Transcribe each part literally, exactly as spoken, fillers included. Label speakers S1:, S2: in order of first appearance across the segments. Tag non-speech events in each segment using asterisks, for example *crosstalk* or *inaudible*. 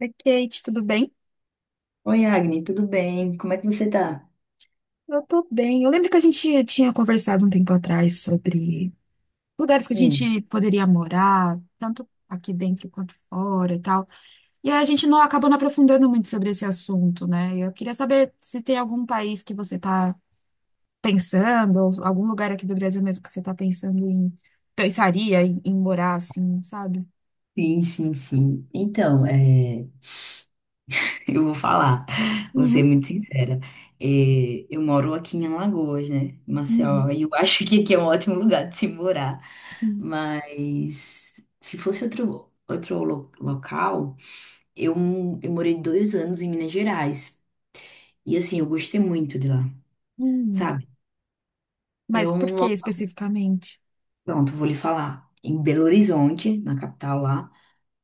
S1: Oi, Kate, tudo bem?
S2: Oi, Agni, tudo bem? Como é que você tá?
S1: Eu tô bem. Eu lembro que a gente tinha conversado um tempo atrás sobre lugares que a
S2: Hum,
S1: gente poderia morar, tanto aqui dentro quanto fora e tal. E aí a gente não acabou não aprofundando muito sobre esse assunto, né? Eu queria saber se tem algum país que você tá pensando, ou algum lugar aqui do Brasil mesmo que você tá pensando em, pensaria em, em morar, assim, sabe?
S2: sim, sim, sim. Então, é, *laughs* eu vou falar, vou ser
S1: Uhum,
S2: muito sincera. É, eu moro aqui em Alagoas, né,
S1: uhum,
S2: Maceió, e eu acho que aqui é um ótimo lugar de se morar.
S1: sim.
S2: Mas se fosse outro, outro lo- local, eu, eu morei dois anos em Minas Gerais. E assim, eu gostei muito de lá,
S1: Uhum.
S2: sabe? É
S1: Mas por
S2: um
S1: que
S2: local.
S1: especificamente?
S2: Pronto, vou lhe falar. Em Belo Horizonte, na capital lá.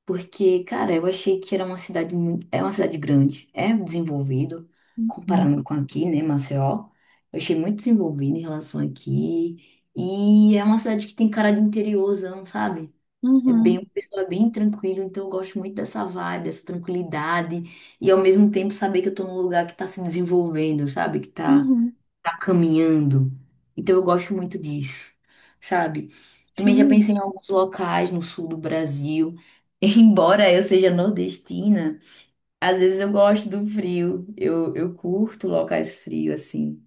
S2: Porque, cara, eu achei que era uma cidade muito. É uma cidade grande, é desenvolvido,
S1: Uhum,
S2: comparando com aqui, né, Maceió. Eu achei muito desenvolvido em relação aqui. E é uma cidade que tem cara de interiorzão, sabe? É bem,
S1: uhum,
S2: o pessoal é bem tranquilo, então eu gosto muito dessa vibe, dessa tranquilidade. E ao mesmo tempo saber que eu tô num lugar que tá se desenvolvendo, sabe? Que tá
S1: uhum.
S2: tá caminhando. Então eu gosto muito disso, sabe? Também já
S1: Sim.
S2: pensei em alguns locais no sul do Brasil. *laughs* Embora eu seja nordestina, às vezes eu gosto do frio. Eu, eu curto locais frios, assim.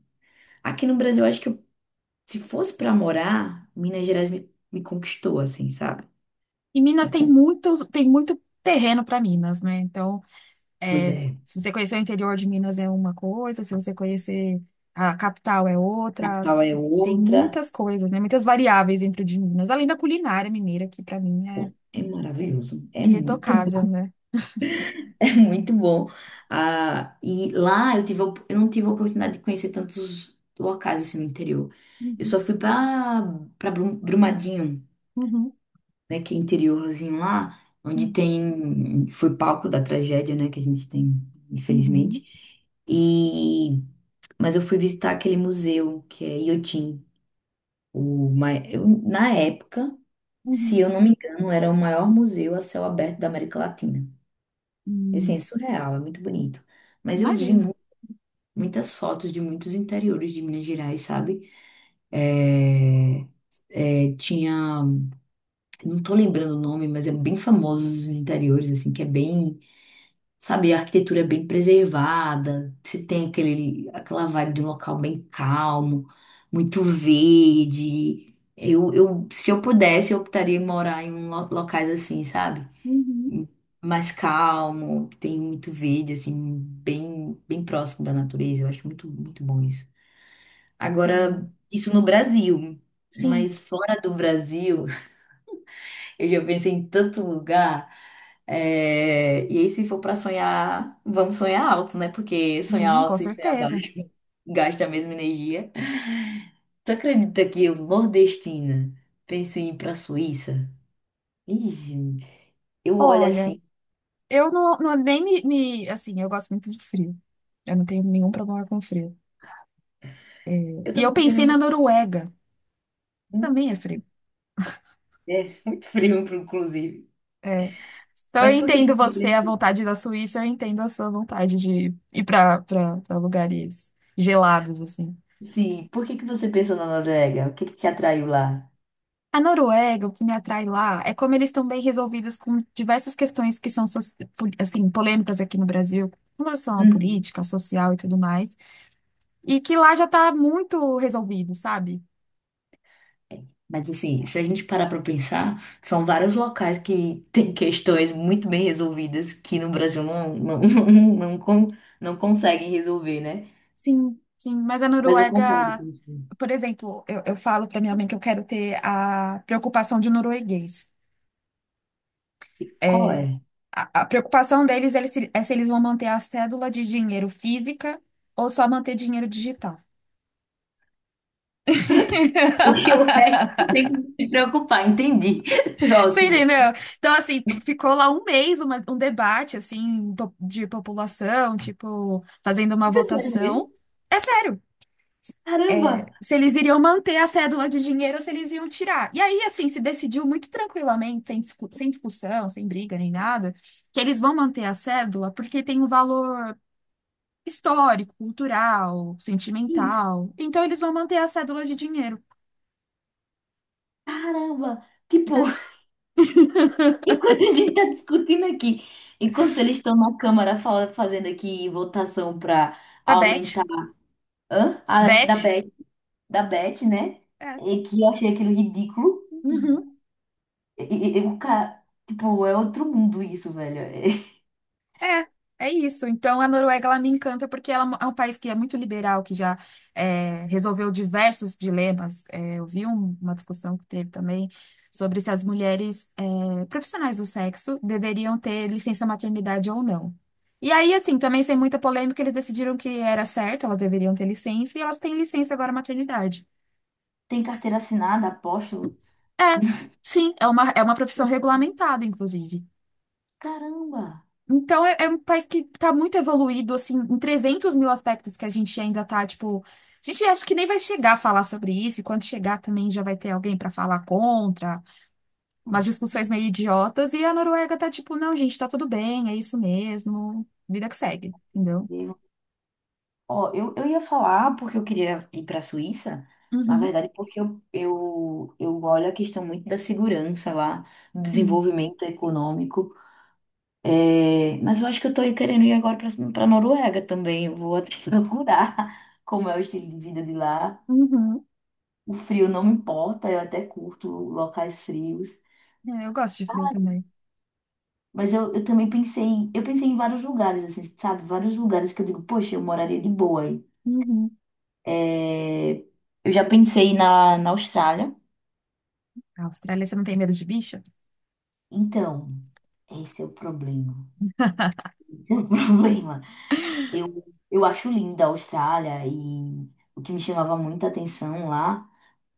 S2: Aqui no Brasil, eu acho que eu- se fosse pra morar, Minas Gerais me, me conquistou, assim, sabe?
S1: E Minas
S2: Me
S1: tem
S2: con-
S1: muito, tem muito terreno para Minas, né? Então,
S2: Pois
S1: é,
S2: é,
S1: se você conhecer o interior de Minas é uma coisa, se você conhecer a capital é outra.
S2: capital é
S1: Tem
S2: outra.
S1: muitas coisas, né? Muitas variáveis dentro de Minas, além da culinária mineira, que para mim é
S2: É maravilhoso. É muito
S1: irretocável,
S2: bom.
S1: né?
S2: *laughs* É muito bom. Ah, e lá eu tive, a op- eu não tive a oportunidade de conhecer tantos locais assim no interior. Eu
S1: Uhum,
S2: só fui para para Brumadinho,
S1: uhum,
S2: né, que é interiorzinho lá, onde
S1: uhum,
S2: tem foi palco da tragédia, né, que a gente tem,
S1: uhum,
S2: infelizmente. E mas eu fui visitar aquele museu que é Iotim, o mai- eu- na época, se
S1: uhum,
S2: eu não me engano, era o maior museu a céu aberto da América Latina. E, assim, é
S1: uhum.
S2: surreal, é muito bonito. Mas eu vi
S1: Imagina.
S2: muitas fotos de muitos interiores de Minas Gerais, sabe? É, é, tinha, não tô lembrando o nome, mas é bem famoso os interiores, assim, que é bem, sabe, a arquitetura é bem preservada, você tem aquele, aquela vibe de um local bem calmo, muito verde. Eu, eu, se eu pudesse, eu optaria em morar em um lo- locais assim, sabe?
S1: Uhum,
S2: Mais calmo, que tem muito verde, assim, bem, bem próximo da natureza. Eu acho muito, muito bom isso.
S1: é.
S2: Agora, isso no Brasil,
S1: Sim,
S2: mas fora do Brasil, *laughs* eu já pensei em tanto lugar. É, E aí, se for para sonhar, vamos sonhar alto, né? Porque sonhar
S1: sim, com
S2: alto e sonhar
S1: certeza.
S2: baixo *laughs* gasta a mesma energia. Tu acredita que eu, nordestina, pensei em ir pra Suíça? Ih, gente, eu olho
S1: Olha,
S2: assim.
S1: eu não, não nem me, me- assim, eu gosto muito de frio. Eu não tenho nenhum problema com frio.
S2: Eu
S1: E eu
S2: também não tenho
S1: pensei
S2: nenhum.
S1: na Noruega.
S2: Hum,
S1: Também é frio.
S2: É muito frio, inclusive.
S1: É. Então
S2: Mas
S1: eu
S2: por que que
S1: entendo
S2: você
S1: você, a
S2: pensou?
S1: vontade da Suíça, eu entendo a sua vontade de ir para lugares gelados, assim.
S2: Sim, por que que você pensou na Noruega? O que que te atraiu lá?
S1: A Noruega, o que me atrai lá é como eles estão bem resolvidos com diversas questões que são, soci- po- assim, polêmicas aqui no Brasil, com relação à
S2: Uhum.
S1: política, social e tudo mais, e que lá já está muito resolvido, sabe?
S2: Mas assim, se a gente parar pra pensar, são vários locais que *laughs* têm questões muito bem resolvidas que no Brasil não, não, *laughs* não, não, con- não conseguem resolver, né?
S1: Sim, sim, mas a
S2: Mas eu concordo
S1: Noruega,
S2: com você.
S1: por exemplo, eu, eu falo para minha mãe que eu quero ter a preocupação de um norueguês.
S2: E qual
S1: É,
S2: é?
S1: a, a preocupação deles é se, é se eles vão manter a cédula de dinheiro física ou só manter dinheiro digital.
S2: *laughs* Porque o resto não tem
S1: *laughs*
S2: que se preocupar, entendi. *laughs*
S1: Você
S2: Ótimo.
S1: entendeu? Então, assim, ficou lá um mês uma- um debate, assim, po- de população, tipo, fazendo uma
S2: Isso é sério mesmo?
S1: votação. É sério,
S2: Caramba!
S1: se eles iriam manter a cédula de dinheiro ou se eles iam tirar. E aí, assim, se decidiu muito tranquilamente, sem discu- sem discussão, sem briga nem nada, que eles vão manter a cédula porque tem um valor. histórico, cultural,
S2: Isso,
S1: sentimental. Então eles vão manter a cédula de dinheiro.
S2: caramba! Tipo,
S1: É.
S2: *laughs* enquanto a gente tá discutindo aqui, enquanto eles estão na Câmara fa- fazendo aqui votação pra
S1: Pra Beth.
S2: aumentar. Hã? Ah, da
S1: Beth.
S2: B R. Da Beth, né?
S1: É.
S2: E que eu achei aquilo ridículo.
S1: Uhum.
S2: E, e- e o cara, tipo, é outro mundo isso, velho.
S1: É. É isso. Então a Noruega ela me encanta porque ela é um país que é muito liberal, que já é, resolveu diversos dilemas. É, eu vi um- uma discussão que teve também sobre se as mulheres é, profissionais do sexo deveriam ter licença maternidade ou não. E aí, assim, também sem muita polêmica, eles decidiram que era certo, elas deveriam ter licença, e elas têm licença agora maternidade.
S2: *laughs* Tem carteira assinada, aposto.
S1: É, sim, é uma, é uma profissão regulamentada, inclusive.
S2: Caramba!
S1: Então, é, é um país que está muito evoluído, assim, em trezentos mil aspectos que a gente ainda está, tipo... A gente acha que nem vai chegar a falar sobre isso, e quando chegar também já vai ter alguém para falar contra, umas discussões meio idiotas, e a Noruega tá tipo, não, gente, tá tudo bem, é isso mesmo, vida que segue, entendeu?
S2: Eu- Ó, eu, eu ia falar porque eu queria ir para a Suíça, na
S1: Uhum,
S2: verdade, porque eu, eu, eu olho a questão muito da segurança lá, do
S1: sim.
S2: desenvolvimento econômico. É, mas eu acho que eu tô querendo ir agora para a Noruega também. Eu vou até *laughs* procurar como é o estilo de vida de lá.
S1: Uhum.
S2: O frio não me importa, eu até curto locais frios.
S1: É, eu gosto de frio também.
S2: Mas eu, eu também pensei em, eu pensei em vários lugares, assim, sabe? Vários lugares que eu digo, poxa, eu moraria de boa aí.
S1: Uhum.
S2: É, eu já pensei na, na Austrália.
S1: A Austrália, você não tem medo de bicho?
S2: Então, esse é o problema. *laughs* Esse é o *laughs* problema. Eu, eu acho linda a Austrália e o que me chamava muita atenção lá.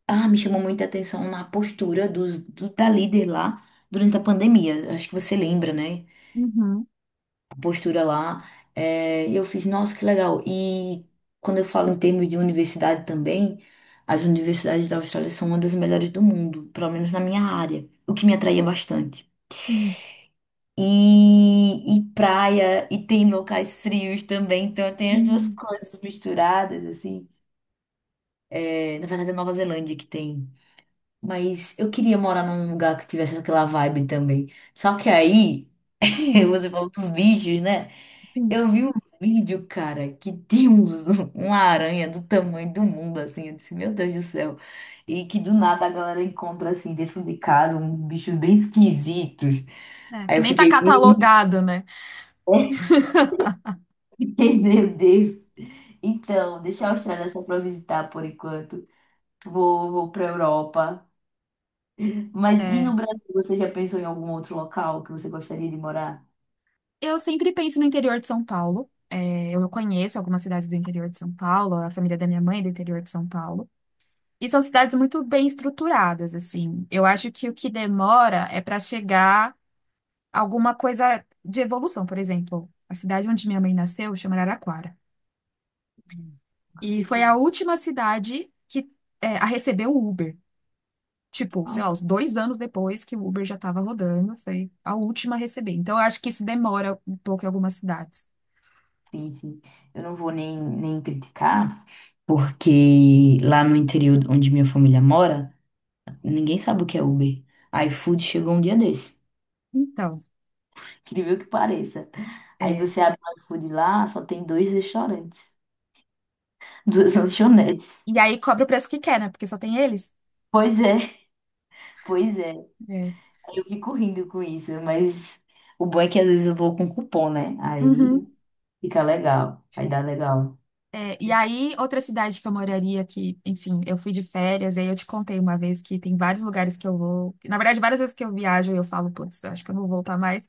S2: Ah, me chamou muita atenção na postura dos, do, da líder lá durante a pandemia. Acho que você lembra, né?
S1: Uhum,
S2: Postura lá. É, e eu fiz, nossa, que legal. E quando eu falo em termos de universidade também, as universidades da Austrália são uma das melhores do mundo, pelo menos na minha área, o que me atraía bastante.
S1: sim,
S2: E, e praia, e tem locais frios também, então tem as duas
S1: sim.
S2: coisas misturadas, assim. É, na verdade, é Nova Zelândia que tem. Mas eu queria morar num lugar que tivesse aquela vibe também. Só que aí, *laughs*
S1: Hum,
S2: você falou dos bichos, né?
S1: sim.
S2: Eu vi um vídeo, cara, que tinha uns- *laughs* uma aranha do tamanho do mundo, assim. Eu disse, meu Deus do céu. E que do nada a galera encontra, assim, dentro de casa, uns bichos bem esquisitos.
S1: É,
S2: Aí
S1: que
S2: eu
S1: nem tá
S2: fiquei, *laughs*
S1: catalogado, né?
S2: meu Deus. Então, deixa a Austrália só pra visitar por enquanto. Vou, vou pra Europa. Mas e no
S1: É,
S2: Brasil, você já pensou em algum outro local que você gostaria de morar?
S1: eu sempre penso no interior de São Paulo. É, eu conheço algumas cidades do interior de São Paulo, a família da minha mãe é do interior de São Paulo. E são cidades muito bem estruturadas, assim. Eu acho que o que demora é para chegar alguma coisa de evolução. Por exemplo, a cidade onde minha mãe nasceu chama Araraquara.
S2: Hum, Nunca
S1: E
S2: ouvi
S1: foi a
S2: falar.
S1: última cidade que é, a receber o Uber. Tipo, sei lá, uns dois anos depois que o Uber já estava rodando, foi a última a receber. Então, eu acho que isso demora um pouco em algumas cidades.
S2: Sim, sim. Eu não vou nem, nem criticar, porque lá no interior onde minha família mora, ninguém sabe o que é Uber. A iFood chegou um dia desse.
S1: Então,
S2: *laughs* Incrível que pareça. Aí
S1: é.
S2: você abre o iFood lá, só tem dois restaurantes, *laughs* duas lanchonetes.
S1: E aí cobra o preço que quer, né? Porque só tem eles.
S2: Pois é, pois é.
S1: É.
S2: Eu fico rindo com isso, mas o bom é que às vezes eu vou com cupom, né? Aí
S1: Uhum.
S2: fica legal, aí dá legal.
S1: É, e aí, outra cidade que eu moraria, que, enfim, eu fui de férias, e aí eu te contei uma vez que tem vários lugares que eu vou. Na verdade, várias vezes que eu viajo e eu falo, putz, eu acho que eu não vou voltar mais.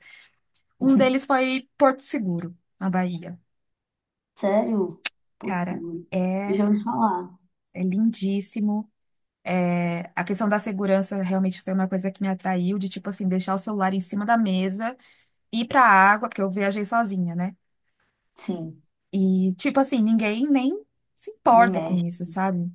S1: Um
S2: *laughs*
S1: deles foi Porto Seguro, na Bahia.
S2: Sério? Pô,
S1: Cara,
S2: eu
S1: é,
S2: já ouvi falar.
S1: é lindíssimo. É, a questão da segurança realmente foi uma coisa que me atraiu, de tipo assim, deixar o celular em cima da mesa, ir pra água, porque eu viajei sozinha, né?
S2: Sim,
S1: E tipo assim, ninguém nem se
S2: no
S1: importa com isso,
S2: I M E.
S1: sabe?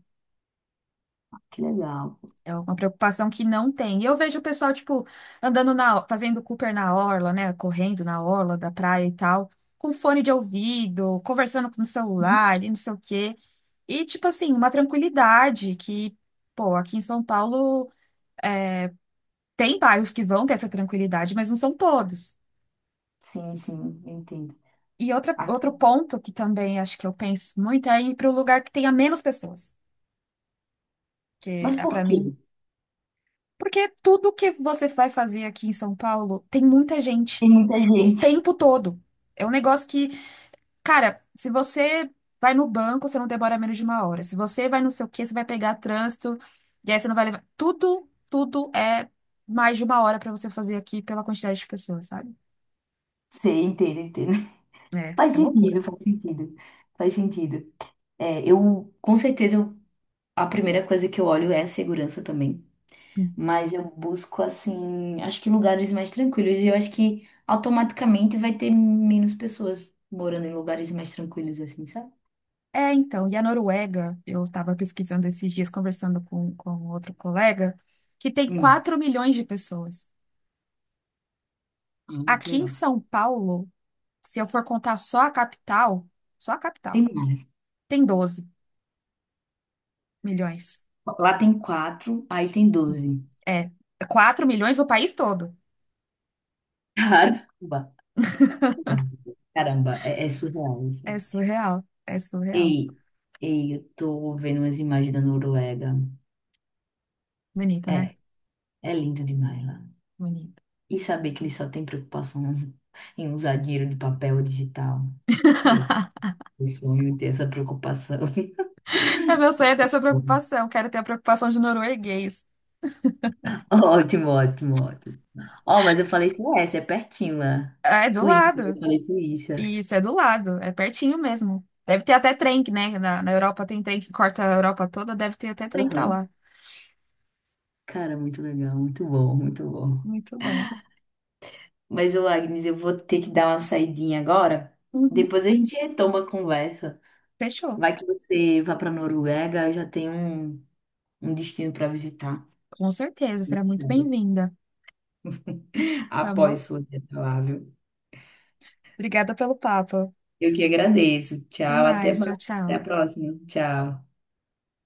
S2: Que legal.
S1: É uma preocupação que não tem. E eu vejo o pessoal, tipo, andando na, fazendo Cooper na orla, né? Correndo na orla da praia e tal, com fone de ouvido, conversando com o
S2: Uhum.
S1: celular e não sei o quê. E, tipo assim, uma tranquilidade que, pô, aqui em São Paulo. Tem bairros que vão ter essa tranquilidade, mas não são todos.
S2: Sim, sim, eu entendo.
S1: E outra,
S2: Aqui.
S1: outro ponto que também acho que eu penso muito é ir para um lugar que tenha menos pessoas, que
S2: Mas
S1: é
S2: por
S1: para
S2: quê?
S1: mim. Porque tudo que você vai fazer aqui em São Paulo tem muita gente
S2: Tem muita
S1: o
S2: gente.
S1: tempo todo. É um negócio que, cara, se você vai no banco, você não demora menos de uma hora. Se você vai não sei o quê, você vai pegar trânsito, e aí você não vai levar. Tudo, tudo é mais de uma hora para você fazer aqui pela quantidade de pessoas, sabe?
S2: *laughs* Sei, entendo, entendo. *laughs*
S1: É,
S2: Faz
S1: é
S2: sentido,
S1: loucura.
S2: faz sentido. Faz sentido. É, eu, com certeza, eu- a primeira coisa que eu olho é a segurança também. Mas eu busco, assim, acho que lugares mais tranquilos. E eu acho que automaticamente vai ter menos pessoas morando em lugares mais tranquilos, assim, sabe?
S1: É, então, e a Noruega, eu estava pesquisando esses dias, conversando com, com outro colega, que tem
S2: Hum,
S1: quatro milhões de pessoas.
S2: ah, que
S1: Aqui em
S2: legal.
S1: São Paulo, se eu for contar só a capital, só a
S2: Tem
S1: capital,
S2: mais.
S1: tem doze milhões.
S2: Lá tem quatro, aí tem doze.
S1: É, quatro milhões o país todo.
S2: Cara. Caramba, é, é surreal isso.
S1: É surreal, é surreal.
S2: Ei, ei, eu tô vendo umas imagens da Noruega.
S1: Bonito,
S2: É,
S1: né?
S2: é lindo demais lá.
S1: Bonito. *laughs*
S2: E saber que eles só têm preocupação *laughs* em usar dinheiro de papel digital. Meu, eu sonho ter essa preocupação. *laughs*
S1: É meu sonho é ter essa preocupação, quero ter a preocupação de norueguês.
S2: Ótimo, ótimo, ótimo. Ó, mas eu falei Suécia, é pertinho lá.
S1: É, do
S2: Suíça, eu
S1: lado.
S2: falei Suíça.
S1: E Isso é do lado, é pertinho mesmo. Deve ter até trem, né? Na, na Europa tem trem que corta a Europa toda, deve ter até trem pra
S2: Aham.
S1: lá.
S2: Cara, muito legal, muito bom, muito bom.
S1: Muito bom.
S2: Mas, ô Agnes, eu vou ter que dar uma saidinha agora.
S1: Uhum.
S2: Depois a gente retoma a conversa.
S1: Fechou.
S2: Vai que você vá para Noruega, eu já tenho um, um destino para visitar.
S1: Com certeza, será
S2: Esse
S1: muito
S2: ano.
S1: bem-vinda. Tá bom?
S2: Após sua ida.
S1: Obrigada pelo papo.
S2: Eu que agradeço.
S1: Até
S2: Tchau, até
S1: mais.
S2: mais.
S1: Tchau,
S2: Até a
S1: tchau.
S2: próxima. Tchau.